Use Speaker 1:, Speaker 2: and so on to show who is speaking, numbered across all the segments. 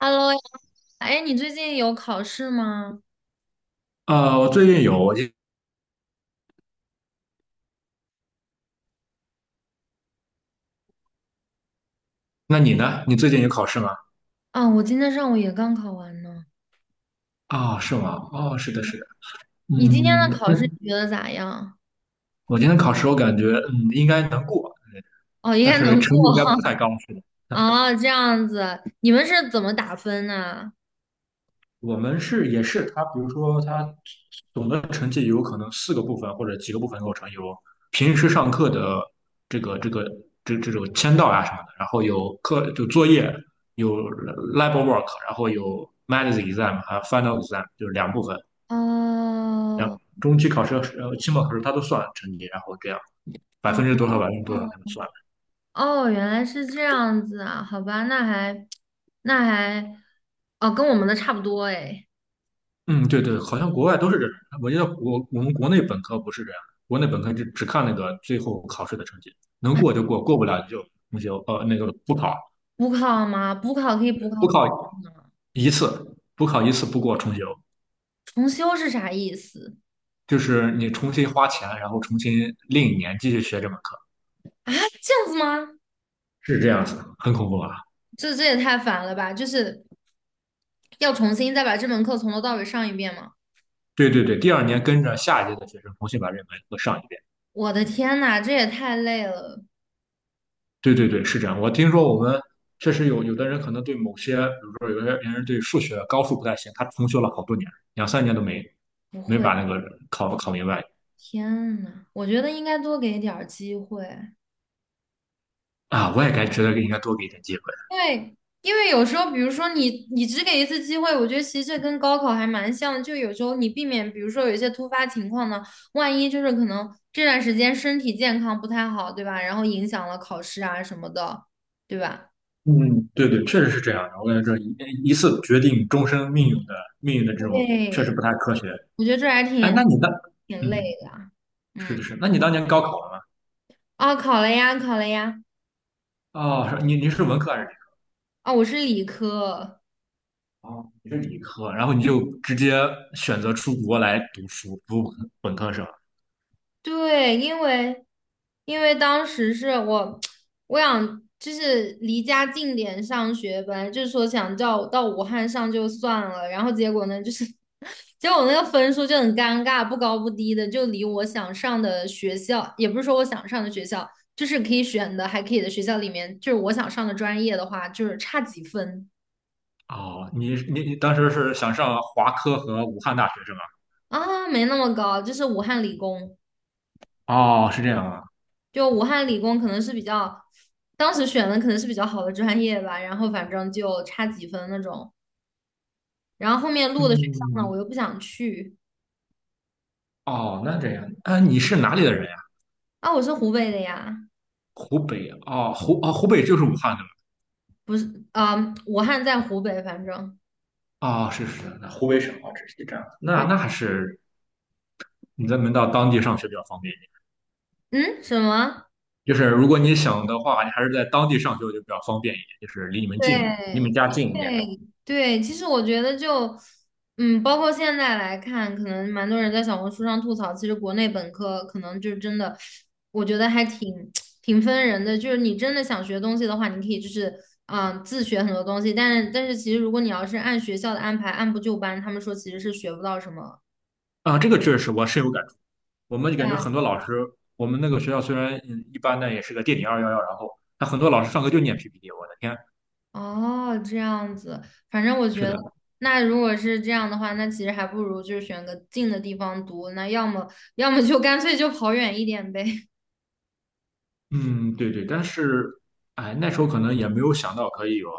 Speaker 1: Hello 呀，哎，你最近有考试吗？
Speaker 2: 我最近有，那你呢？你最近有考试吗？
Speaker 1: 啊，我今天上午也刚考完呢。
Speaker 2: 啊，是吗？哦，是的，是的。
Speaker 1: 你今天
Speaker 2: 嗯，
Speaker 1: 的考
Speaker 2: 那
Speaker 1: 试你觉得咋样？
Speaker 2: 我今天考试，我感觉应该能过，
Speaker 1: 哦，应
Speaker 2: 但
Speaker 1: 该
Speaker 2: 是
Speaker 1: 能过
Speaker 2: 成绩应该不太高，是的。
Speaker 1: 哦，这样子，你们是怎么打分呢？
Speaker 2: 我们是也是，比如说他总的成绩有可能四个部分或者几个部分构成，有平时上课的这个这个这种签到啊什么的，然后有课就作业，有 lab work，然后有 m a t h exam 还有 final exam，就是两部分。
Speaker 1: 哦，
Speaker 2: 中期考试、期末考试，他都算成绩，然后这样百
Speaker 1: 哦，
Speaker 2: 分之多少、百分之多少
Speaker 1: 哦，
Speaker 2: 他们算。
Speaker 1: 哦，原来是这样子啊，好吧，那还，那还，哦，跟我们的差不多哎。
Speaker 2: 嗯，对对，好像国外都是这样。我觉得我们国内本科不是这样，国内本科就只看那个最后考试的成绩，能
Speaker 1: 啊
Speaker 2: 过就过，过不了就重修，那个补考
Speaker 1: 补考吗？补考可以补考几次呢？
Speaker 2: 一次，补考一次不过重修，
Speaker 1: 重修是啥意思？
Speaker 2: 就是你重新花钱，然后重新另一年继续学这门课，
Speaker 1: 这样子吗？
Speaker 2: 是这样子，很恐怖啊。
Speaker 1: 这也太烦了吧！就是要重新再把这门课从头到尾上一遍吗？
Speaker 2: 对对对，第二年跟着下一届的学生重新把这门课上一遍。
Speaker 1: 我的天呐，这也太累了！
Speaker 2: 对对对，是这样。我听说我们确实有的人可能对某些，比如说有些人对数学高数不太行，他重修了好多年，两三年都没
Speaker 1: 不
Speaker 2: 没
Speaker 1: 会，
Speaker 2: 把那个考明白
Speaker 1: 天呐，我觉得应该多给点儿机会，
Speaker 2: 啊。我也该觉得应该多给一点机会。
Speaker 1: 因为因为有时候，比如说你只给一次机会，我觉得其实这跟高考还蛮像的，就有时候你避免，比如说有一些突发情况呢，万一就是可能这段时间身体健康不太好，对吧？然后影响了考试啊什么的，对吧？
Speaker 2: 嗯，对对，确实是这样的。我感觉这一次决定终身命运的这种，确实
Speaker 1: 对，
Speaker 2: 不太科学。
Speaker 1: 我觉得这还
Speaker 2: 哎，
Speaker 1: 挺
Speaker 2: 那你当
Speaker 1: 挺累
Speaker 2: 嗯，
Speaker 1: 的啊
Speaker 2: 是的
Speaker 1: 嗯，
Speaker 2: 是，那你当年高考了吗？
Speaker 1: 啊，考了呀，考了呀。
Speaker 2: 哦，是你是文科还是理科？
Speaker 1: 啊，我是理科，
Speaker 2: 哦，你是理科，然后你就直接选择出国来读书，读本科生。
Speaker 1: 对，因为当时是我 我想就是离家近点上学，本来就是说想叫我到武汉上就算了，然后结果呢，就是 结果我那个分数就很尴尬，不高不低的，就离我想上的学校，也不是说我想上的学校，就是可以选的还可以的学校里面，就是我想上的专业的话，就是差几分。
Speaker 2: 哦，你当时是想上华科和武汉大学是吗？
Speaker 1: 啊，没那么高，就是武汉理工，
Speaker 2: 哦，是这样啊。
Speaker 1: 就武汉理工可能是比较，当时选的可能是比较好的专业吧，然后反正就差几分那种，然后后面录的学校呢，
Speaker 2: 嗯，
Speaker 1: 我又不想去，
Speaker 2: 哦，那这样，啊，你是哪里的人呀？
Speaker 1: 啊，我是湖北的呀，
Speaker 2: 湖北哦，湖北就是武汉的吗？
Speaker 1: 不是，啊、武汉在湖北，反正，
Speaker 2: 哦，是是，那湖北省哦，这是这样。那
Speaker 1: 对，
Speaker 2: 那还是你在门到当地上学比较方便一点。
Speaker 1: 嗯，什么？
Speaker 2: 就是如果你想的话，你还是在当地上学就比较方便一点，就是离你们近，离你们
Speaker 1: 对
Speaker 2: 家近一点的。
Speaker 1: 对对，其实我觉得就，嗯，包括现在来看，可能蛮多人在小红书上吐槽，其实国内本科可能就真的，我觉得还挺分人的。就是你真的想学东西的话，你可以就是自学很多东西，但是其实如果你要是按学校的安排，按部就班，他们说其实是学不到什么。
Speaker 2: 啊，这个确实我深有感触。我们就感
Speaker 1: 对
Speaker 2: 觉很多老师，我们那个学校虽然一般，呢，也是个垫底211，然后他很多老师上课就念 PPT，我的天，
Speaker 1: 哦，这样子，反正我觉
Speaker 2: 是
Speaker 1: 得，
Speaker 2: 的，
Speaker 1: 那如果是这样的话，那其实还不如就是选个近的地方读，那要么就干脆就跑远一点呗。
Speaker 2: 嗯，对对，但是哎，那时候可能也没有想到可以有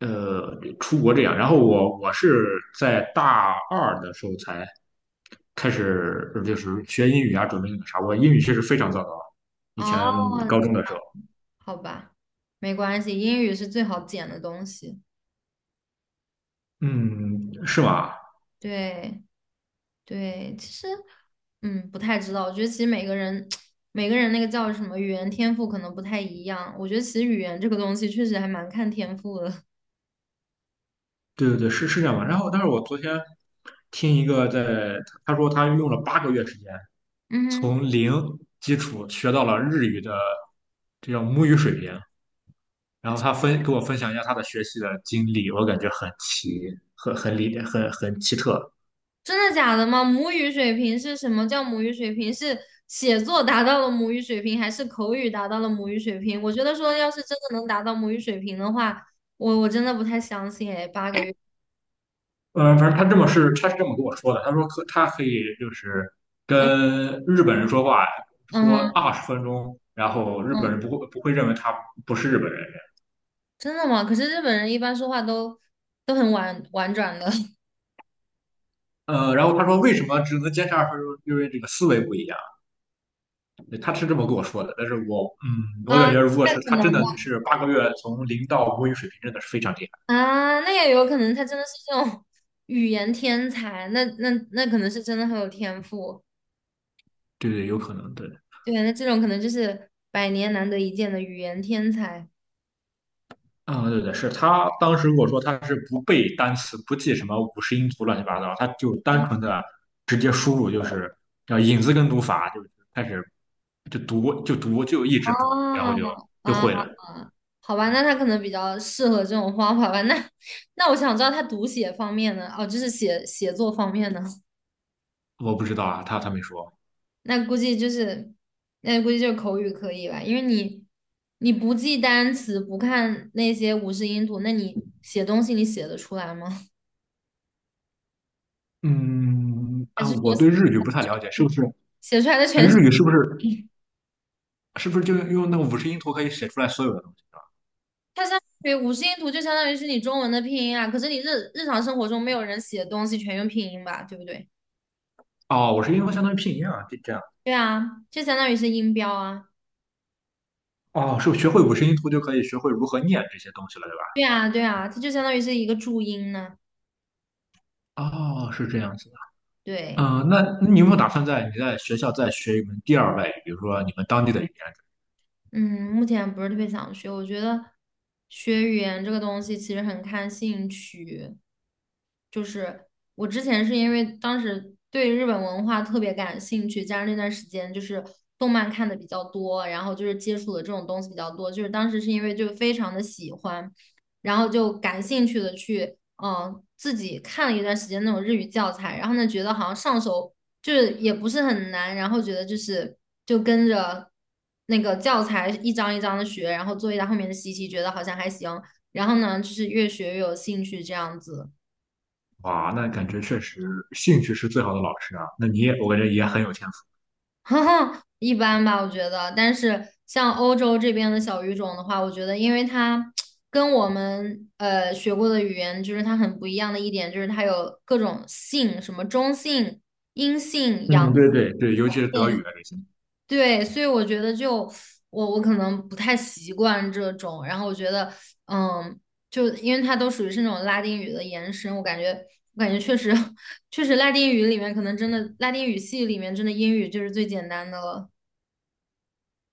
Speaker 2: 出国这样，然后我是在大二的时候才开始就是学英语啊，准备那个啥，我英语确实非常糟糕，以
Speaker 1: 哦，
Speaker 2: 前高中的时候，
Speaker 1: 好吧，没关系，英语是最好捡的东西。
Speaker 2: 嗯，是吗？
Speaker 1: 对对，其实不太知道，我觉得其实每个人 每个人那个叫什么语言天赋可能不太一样，我觉得其实语言这个东西确实还蛮看天赋的。
Speaker 2: 对对对，是这样吧。然后，但是我昨天听一个他说他用了八个月时间
Speaker 1: 嗯哼。
Speaker 2: 从零基础学到了日语的这叫母语水平，然后他分给我分享一下他的学习的经历，我感觉很奇，很很理很奇特。
Speaker 1: 真的假的吗？母语水平是什么叫母语水平？是写作达到了母语水平，还是口语达到了母语水平？我觉得说，要是真的能达到母语水平的话，我真的不太相信诶，8个月，
Speaker 2: 反正他是这么跟我说的，他说他可以就是
Speaker 1: 嗯
Speaker 2: 跟日本人说话，说
Speaker 1: 嗯
Speaker 2: 二十分钟，然后日
Speaker 1: 嗯，
Speaker 2: 本人不会认为他不是日本人。
Speaker 1: 真的吗？可是日本人一般说话都很婉转的
Speaker 2: 然后他说为什么只能坚持二十分钟，因为这个思维不一样。对他是这么跟我说的，但是我我
Speaker 1: 啊，
Speaker 2: 感觉如果是
Speaker 1: 那可
Speaker 2: 他
Speaker 1: 能
Speaker 2: 真的
Speaker 1: 吧
Speaker 2: 是八个月从零到母语水平，真的是非常厉害。
Speaker 1: 啊，那也有可能他真的是这种语言天才，那可能是真的很有天赋，
Speaker 2: 对对，有可能对。
Speaker 1: 对，那这种可能就是百年难得一见的语言天才。
Speaker 2: 啊、对对，是他当时跟我说他是不背单词，不记什么五十音图乱七八糟，他就单
Speaker 1: 嗯
Speaker 2: 纯的直接输入，就是叫引字根读法，就是开始就读就一直读，然后就
Speaker 1: 哦，
Speaker 2: 就
Speaker 1: 啊，
Speaker 2: 会了。
Speaker 1: 好吧，那他可能比较适合这种方法吧。那我想知道他读写方面呢？哦，就是写作方面呢？
Speaker 2: 我不知道啊，他没说。
Speaker 1: 那估计就是，那估计就是口语可以吧？因为你不记单词，不看那些五十音图，那你写东西你写得出来吗？
Speaker 2: 嗯
Speaker 1: 还
Speaker 2: 啊，
Speaker 1: 是说
Speaker 2: 我
Speaker 1: 写
Speaker 2: 对日语不太了解，是不是？
Speaker 1: 写出来的
Speaker 2: 哎，
Speaker 1: 全是？
Speaker 2: 日语是不是就用那个五十音图可以写出来所有的东西？
Speaker 1: 它相当于五十音图，就相当于是你中文的拼音啊。可是你日常生活中没有人写东西全用拼音吧，对不对？
Speaker 2: 哦，五十音图相当于拼音啊，这样。
Speaker 1: 对啊，就相当于是音标啊。
Speaker 2: 哦，是学会五十音图就可以学会如何念这些东西了，对
Speaker 1: 对啊，对啊，它就相当于是一个注音呢。
Speaker 2: 吧？哦，是这样子的。
Speaker 1: 对，
Speaker 2: 嗯、那你有没有打算在你在学校再学一门第二外语，比如说你们当地的语言？
Speaker 1: 嗯，目前不是特别想学，我觉得学语言这个东西其实很看兴趣。就是我之前是因为当时对日本文化特别感兴趣，加上那段时间就是动漫看的比较多，然后就是接触的这种东西比较多，就是当时是因为就非常的喜欢，然后就感兴趣的去。自己看了一段时间那种日语教材，然后呢，觉得好像上手就是也不是很难，然后觉得就是就跟着那个教材一张一张的学，然后做一下后面的习题，觉得好像还行。然后呢，就是越学越有兴趣这样子，
Speaker 2: 哇，那感觉确实兴趣是最好的老师啊。那你也，我感觉也很有天赋。
Speaker 1: 一般吧，我觉得。但是像欧洲这边的小语种的话，我觉得因为它跟我们学过的语言，就是它很不一样的一点，就是它有各种性，什么中性、阴性、阳
Speaker 2: 嗯，对
Speaker 1: 性、
Speaker 2: 对对，尤其是德
Speaker 1: 变
Speaker 2: 语啊这些。
Speaker 1: 对，所以我觉得就我可能不太习惯这种，然后我觉得嗯，就因为它都属于是那种拉丁语的延伸，我感觉确实 确实拉丁语里面可能真的拉丁语系里面真的英语就是最简单的了。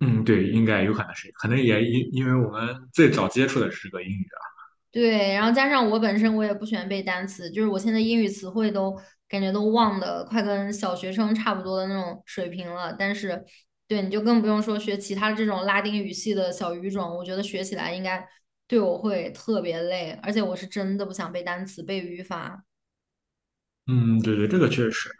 Speaker 2: 嗯，对，应该有可能是，可能也因为我们最早接触的是个英语啊。
Speaker 1: 对，然后加上我本身我也不喜欢背单词，就是我现在英语词汇都感觉都忘的快跟小学生差不多的那种水平了。但是，对，你就更不用说学其他这种拉丁语系的小语种，我觉得学起来应该对我会特别累，而且我是真的不想背单词、背语法。
Speaker 2: 嗯，对对，这个确实。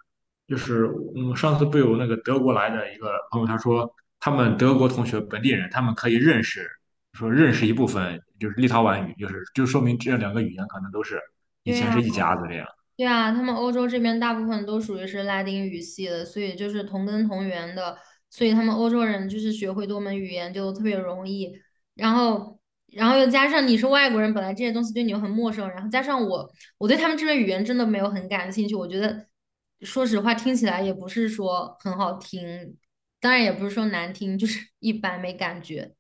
Speaker 2: 就是上次不有那个德国来的一个朋友，他说他们德国同学本地人，他们可以认识，说认识一部分就是立陶宛语，就是就说明这两个语言可能都是以
Speaker 1: 对
Speaker 2: 前
Speaker 1: 呀。
Speaker 2: 是一家子这样，
Speaker 1: 对啊，他们欧洲这边大部分都属于是拉丁语系的，所以就是同根同源的，所以他们欧洲人就是学会多门语言就特别容易。然后，然后又加上你是外国人，本来这些东西对你又很陌生，然后加上我，我对他们这边语言真的没有很感兴趣。我觉得，说实话，听起来也不是说很好听，当然也不是说难听，就是 一般没感觉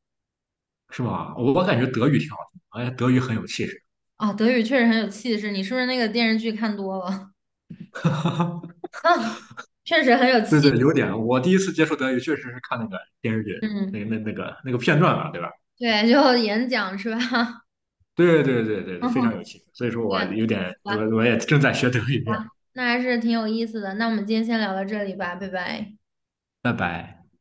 Speaker 2: 是吧？我感觉德语挺好听，而且德语很有气势。
Speaker 1: 啊。德语确实很有气势，你是不是那个电视剧看多了？确实很有
Speaker 2: 对
Speaker 1: 气，
Speaker 2: 对，有点。我第一次接触德语确实是看那个电视剧，
Speaker 1: 嗯。
Speaker 2: 那个片段嘛，对吧？
Speaker 1: 对，就演讲是吧？
Speaker 2: 对对对对，非常 有气势。所以说我
Speaker 1: 对，好
Speaker 2: 有点，
Speaker 1: 吧，
Speaker 2: 我也正在学德语这样。
Speaker 1: 那还是挺有意思的。那我们今天先聊到这里吧，拜拜。
Speaker 2: 拜拜。